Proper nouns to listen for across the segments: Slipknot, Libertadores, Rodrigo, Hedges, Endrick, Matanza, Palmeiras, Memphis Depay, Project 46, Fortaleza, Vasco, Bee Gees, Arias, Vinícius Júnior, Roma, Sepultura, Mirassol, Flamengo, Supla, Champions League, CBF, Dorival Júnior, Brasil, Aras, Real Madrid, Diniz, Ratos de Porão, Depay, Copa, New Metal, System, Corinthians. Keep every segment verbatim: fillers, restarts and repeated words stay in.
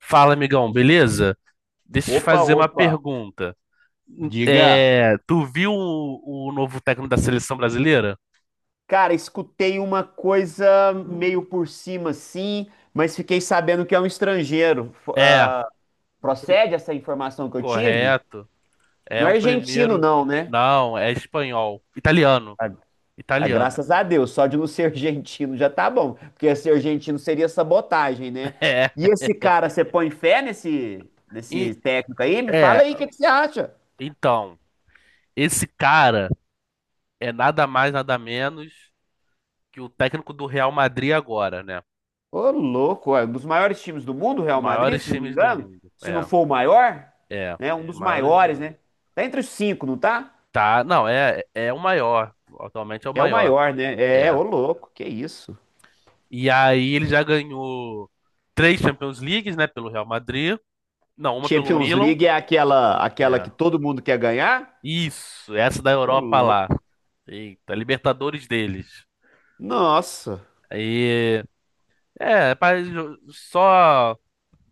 Fala, amigão, beleza? Deixa eu te Opa, fazer uma opa. pergunta. Diga. É, tu viu o, o novo técnico da seleção brasileira? Cara, escutei uma coisa meio por cima, sim, mas fiquei sabendo que é um estrangeiro. F- É, ah, o pri- procede essa informação que eu tive? Correto. É Não é o argentino, primeiro. não, né? Não, é espanhol. Italiano. Ah, ah, Italiano. graças a Deus, só de não ser argentino já tá bom, porque ser argentino seria sabotagem, né? É. E esse cara, você põe fé nesse, E, nesse técnico aí? Me é, fala aí, o que que você acha? então, Esse cara é nada mais, nada menos que o técnico do Real Madrid agora, né? Ô, louco, é um dos maiores times do mundo, o Real Madrid, Maiores se não me times do engano. mundo. Se não É, for o maior, é. né? Um, é, Os dos maiores do maiores, mundo. né? Tá entre os cinco, não tá? Tá, não, é, é o maior. Atualmente é o É o maior. maior, né? É, É. ô, louco, que isso. E aí ele já ganhou três Champions Leagues, né, pelo Real Madrid. Não, uma pelo Champions Milan. League é aquela, aquela É. que todo mundo quer ganhar? Isso, essa da Ô, Europa lá. louco. Eita, Libertadores deles. Nossa, Aí, é, pa- só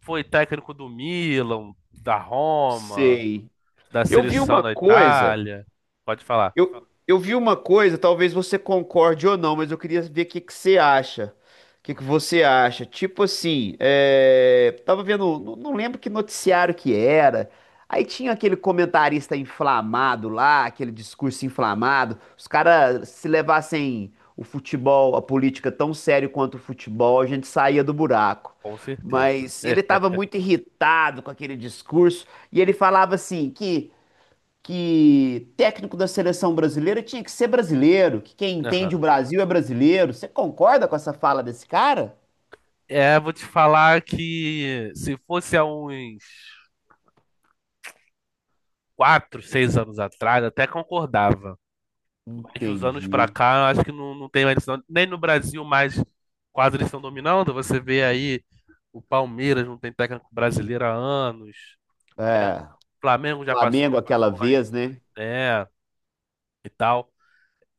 foi técnico do Milan, da Roma, sei. da Eu vi seleção uma da coisa, Itália. Pode falar. Eu, eu vi uma coisa, talvez você concorde ou não, mas eu queria ver o que que você acha. O que que você acha? Tipo assim, é... tava vendo, não, não lembro que noticiário que era. Aí tinha aquele comentarista inflamado lá, aquele discurso inflamado. Os caras se levassem o futebol, a política tão sério quanto o futebol, a gente saía do buraco. Com certeza. Mas É, ele estava muito irritado com aquele discurso e ele falava assim que que técnico da seleção brasileira tinha que ser brasileiro, que quem entende o aham. Brasil é brasileiro. Você concorda com essa fala desse cara? É, vou te falar que se fosse há uns quatro, seis anos atrás, até concordava. Mas de uns anos pra Entendi. cá, eu acho que não, não tem mais isso, não. Nem no Brasil mais quase eles estão dominando. Você vê aí o Palmeiras não tem técnico brasileiro há anos, né? É, Flamengo já passou Flamengo aquela muito, vez, né? né? E tal.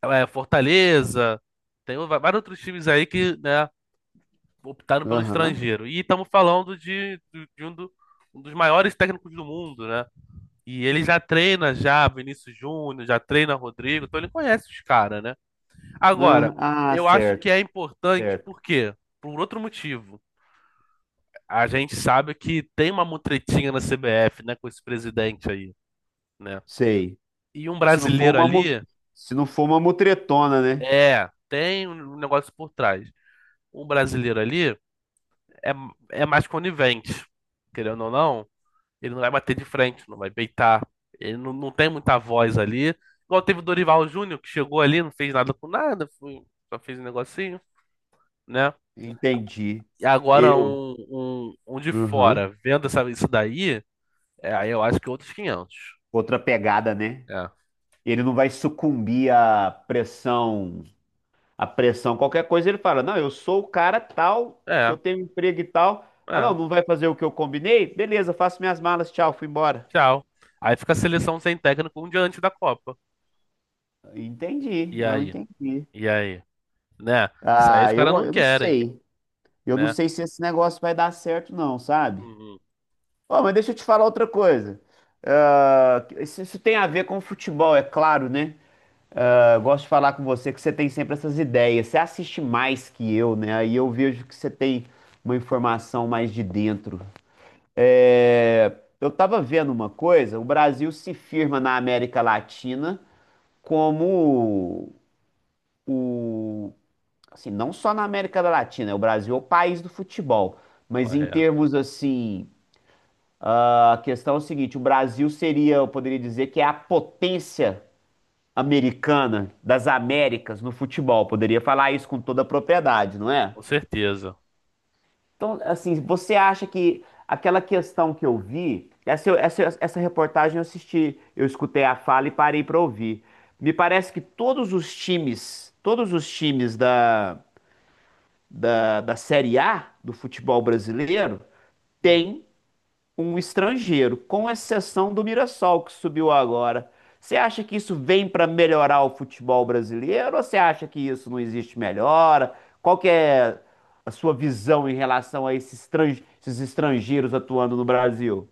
É, Fortaleza, tem o- vários outros times aí que, né, optaram pelo Aham. estrangeiro. E estamos falando de, de- de um, do- um dos maiores técnicos do mundo, né? E ele já treina já Vinícius Júnior, já treina Rodrigo, então ele conhece os caras, né? Agora, Aham. Ah, eu acho que certo, é importante, certo. por quê? Por outro motivo. A gente sabe que tem uma mutretinha na C B F, né, com esse presidente aí, né? Sei. E um Se não for brasileiro uma, mu- ali, se não for uma mutretona, né? é, tem um negócio por trás. Um brasileiro ali é, é mais conivente, querendo ou não, ele não vai bater de frente, não vai beitar. Ele não, não tem muita voz ali. Igual teve o Dorival Júnior, que chegou ali, não fez nada com nada, foi- só fez um negocinho, né? Entendi. E agora Eu, um, um, um de Uhum. fora vendo essa, isso daí, é, aí eu acho que outros quinhentos. Outra pegada, né? É, Ele não vai sucumbir à pressão a pressão, qualquer coisa, ele fala: Não, eu sou o cara tal, que eu é, tenho emprego e tal. Ah, não, é, não vai fazer o que eu combinei? Beleza, faço minhas malas, tchau, fui embora. tchau. Aí fica a seleção sem técnico um dia antes da Copa. Entendi, E não aí? entendi. E aí? Né? Isso aí os Ah, eu, caras não eu não querem, sei. Eu não né? sei se esse negócio vai dar certo, não, sabe? Uhum, Ó, mas deixa eu te falar outra coisa. Ah, isso, isso tem a ver com futebol, é claro, né? Ah, eu gosto de falar com você que você tem sempre essas ideias. Você assiste mais que eu, né? Aí eu vejo que você tem uma informação mais de dentro. É, eu estava vendo uma coisa, o Brasil se firma na América Latina como o, assim, não só na América Latina, é o Brasil é o país do futebol, mas em correto, termos assim, ah, a questão é o seguinte, o Brasil seria, eu poderia dizer que é a potência americana das Américas no futebol, poderia falar isso com toda a propriedade, não é? com certeza. Então, assim, você acha que aquela questão que eu vi, essa, eu- essa, essa reportagem eu assisti, eu escutei a fala e parei para ouvir. Me parece que todos os times, todos os times da, da, da Série A do futebol brasileiro têm um estrangeiro, com exceção do Mirassol que subiu agora. Você acha que isso vem para melhorar o futebol brasileiro ou você acha que isso não existe melhora? Qual que é a sua visão em relação a esses estran- esses estrangeiros atuando no Brasil?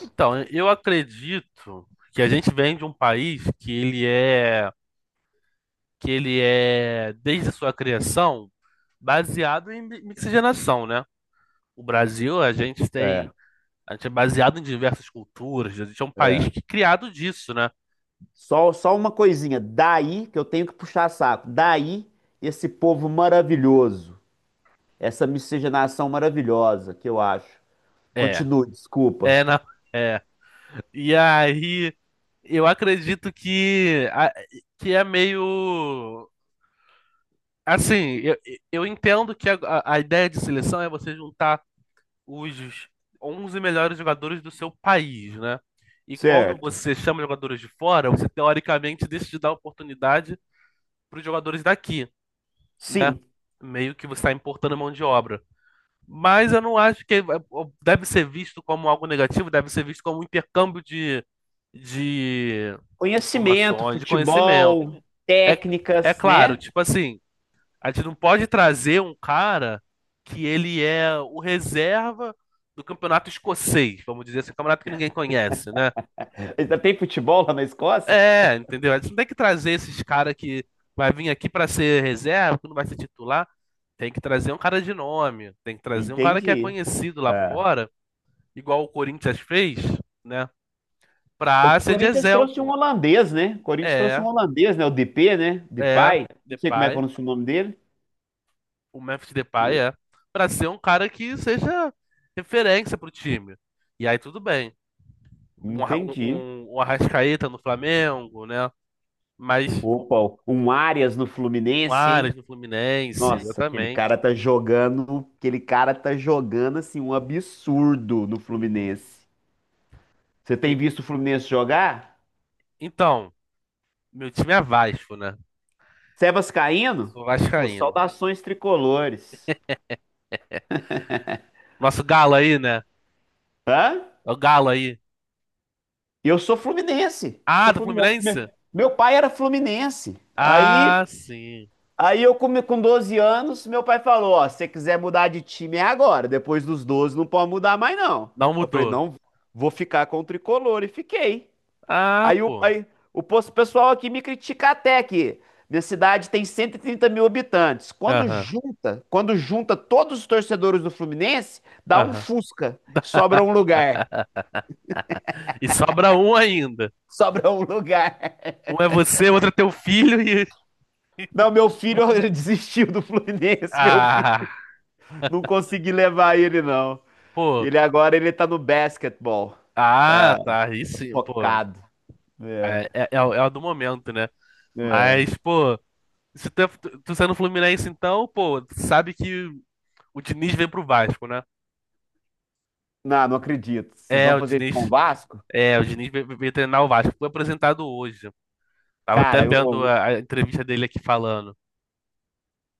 Então, eu acredito que a gente vem de um país que ele é, que ele é, desde sua criação, baseado em mi- mixigenação, né? O Brasil, a gente tem É, A gente é baseado em diversas culturas, a gente é um país é. que é criado disso, né? Só, só uma coisinha, daí que eu tenho que puxar saco, daí esse povo maravilhoso, essa miscigenação maravilhosa que eu acho. É, Continue, desculpa. é, não, é. E aí, eu acredito que, a- que é meio. Assim, eu, eu entendo que a, a a ideia de seleção é você juntar os onze melhores jogadores do seu país, né? E quando Certo. você chama jogadores de fora, você teoricamente deixa de dar oportunidade para os jogadores daqui, né? Sim. Meio que você está importando mão de obra. Mas eu não acho que deve ser visto como algo negativo, deve ser visto como um intercâmbio de, de Conhecimento, informações, de conhecimento. futebol, É, é técnicas, claro, né? tipo assim, a gente não pode trazer um cara que ele é o reserva do campeonato escocês, vamos dizer assim, um campeonato que ninguém conhece, né? Ainda tem futebol lá na Escócia? É, entendeu? A gente não tem que trazer esses caras que vai vir aqui para ser reserva, que não vai ser titular. Tem que trazer um cara de nome, tem que trazer um cara que é Entendi. conhecido lá É. fora igual o Corinthians fez, né? O Pra ser de Corinthians trouxe um exemplo. holandês, né? O Corinthians trouxe É, um holandês, né? O D P, né? é, Depay. Não sei como é que Depay, pronuncia o nome dele. o Memphis Depay é. Pra ser um cara que seja referência pro time. E aí tudo bem. Um, Arra- um, Entendi. um- um Arrascaeta no Flamengo, né? Mas Opa, um Arias no um Fluminense, Aras hein? no Fluminense, Nossa, aquele exatamente. cara tá jogando, aquele cara tá jogando assim um absurdo no Uhum. Fluminense. Você tem E- visto o Fluminense jogar? então, meu time é Vasco, né? Você é vascaíno? Sou Pô, vascaíno. saudações tricolores. Nosso galo aí, né? Hã? É o galo aí. Eu sou fluminense. Ah, Sou do fluminense. Me- Fluminense? Meu pai era fluminense. Ah, Aí, sim. aí eu come- com doze anos, meu pai falou, ó, se você quiser mudar de time é agora, depois dos doze não pode mudar mais não. Não Eu falei, mudou. não, vou ficar com o tricolor e fiquei. Ah, Aí o, pô. aí, o pos- pessoal aqui me critica até que minha cidade tem cento e trinta mil habitantes. Quando Aham, junta, quando junta todos os torcedores do Fluminense, dá um aham. Fusca, sobra um lugar. E sobra um ainda. Sobra um lugar. Um é você, outro é teu filho e. Não, meu filho, ele desistiu do Fluminense, meu filho. Ah, Não consegui levar ele, não. pô. Ele agora, ele tá no basquetebol. Tá Ah, tá. Aí sim, pô. focado. É, É, é, é, o é o do momento, né? é. Mas, pô, se tu, é- tu, tu sendo Fluminense, então, pô, tu sabe que o Diniz vem pro Vasco, né? Não, não acredito. Vocês É, vão o fazer isso Diniz. com o Vasco? É, o Diniz veio, veio treinar o Vasco. Foi apresentado hoje. Tava até Cara, eu, vendo eu- a, a entrevista dele aqui falando.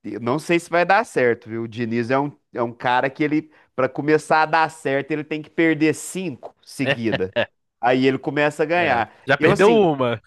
eu não sei se vai dar certo, viu? O Diniz é um, é um cara que ele, pra começar a dar certo, ele tem que perder cinco É, seguida. Aí ele começa a é. ganhar. Já Eu, perdeu assim. uma.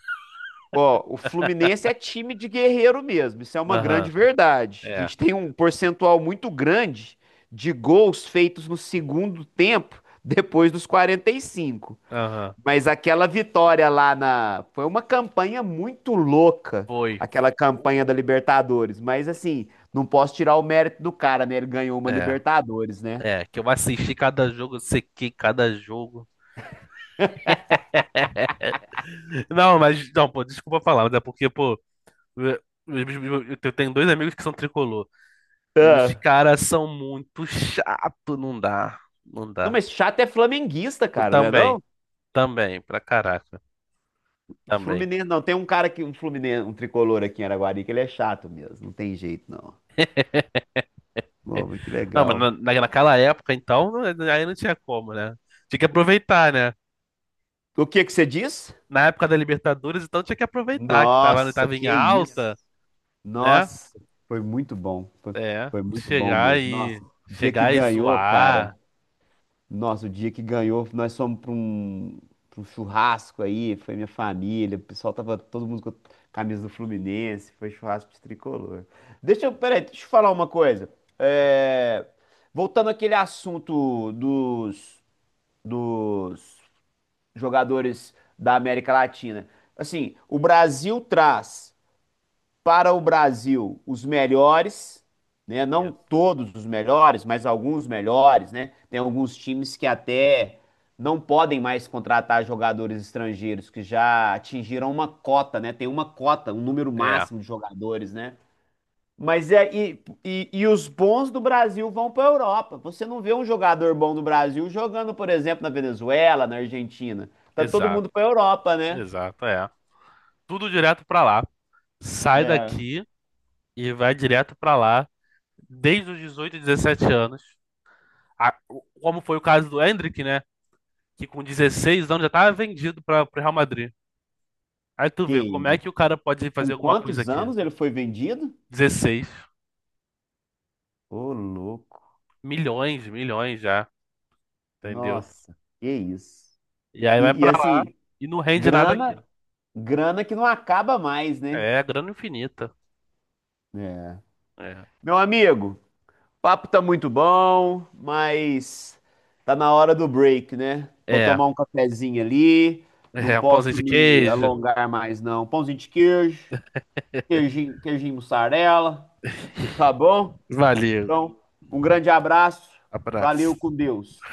Ó, o Fluminense é time de guerreiro mesmo, isso é uma Aham, grande verdade. A é. gente tem um percentual muito grande de gols feitos no segundo tempo, depois dos quarenta e cinco. Aham. Mas aquela vitória lá na. Foi uma campanha muito louca, Foi. aquela campanha da Libertadores. Mas assim, não posso tirar o mérito do cara, né? Ele ganhou uma É. Libertadores, né? É, que eu assisti cada jogo, eu sequei cada jogo. Não, mas, não, pô, desculpa falar, mas é porque, pô, eu, eu- eu tenho dois amigos que são tricolor. E os Tá. caras são muito chato, não dá. Não Não, dá. mas chato é flamenguista, cara, né? Também, Não? também, pra caraca, também. Fluminense, não. Tem um cara que, um Fluminense, um tricolor aqui em Araguari, que ele é chato mesmo. Não tem jeito, não. Pô, mas que Não, mas legal. na, na- naquela época, então, não- aí não tinha como, né? Tinha que aproveitar, né? O que que você diz? Na época da Libertadores, então tinha que aproveitar, que tava, Nossa, tava em que isso. alta, né? Nossa, foi muito bom. Foi, É, foi muito bom chegar mesmo. Nossa, e o dia que chegar e ganhou, cara. zoar. Nossa, o dia que ganhou, nós fomos para um, pra um churrasco aí, foi minha família, o pessoal tava todo mundo com a camisa do Fluminense, foi churrasco de tricolor. Deixa eu, peraí, deixa eu falar uma coisa. É, voltando àquele assunto dos, dos jogadores da América Latina. Assim, o Brasil traz para o Brasil os melhores, né? Não Isso. todos os melhores, mas alguns melhores, né? Tem alguns times que até não podem mais contratar jogadores estrangeiros que já atingiram uma cota, né? Tem uma cota, um número É, máximo de jogadores, né? Mas é e, e, e os bons do Brasil vão para a Europa. Você não vê um jogador bom do Brasil jogando, por exemplo, na Venezuela, na Argentina. Tá todo exato, mundo para a Europa, né? exato, é. Tudo direto pra lá. Sai É. daqui e vai direto pra lá desde os dezoito, dezessete anos. A- o- como foi o caso do Endrick, né? Que com dezesseis anos já tava vendido para o Real Madrid. Aí tu Que vê como é isso. que o cara pode fazer Com alguma coisa quantos aqui. anos ele foi vendido? Dezesseis Ô, louco. milhões, milhões já, entendeu? Nossa, que isso. E aí vai E, e, pra lá assim, e não rende nada aqui. grana, grana que não acaba mais, né? É grana infinita. É. É. Meu amigo, papo tá muito bom, mas tá na hora do break, né? Vou É. tomar um cafezinho ali. Não É, um pãozinho posso de me queijo. alongar mais, não. Pãozinho de queijo, queijinho, queijinho mussarela, tá bom? Valeu. Então, um grande abraço. Valeu Abraço. com Deus.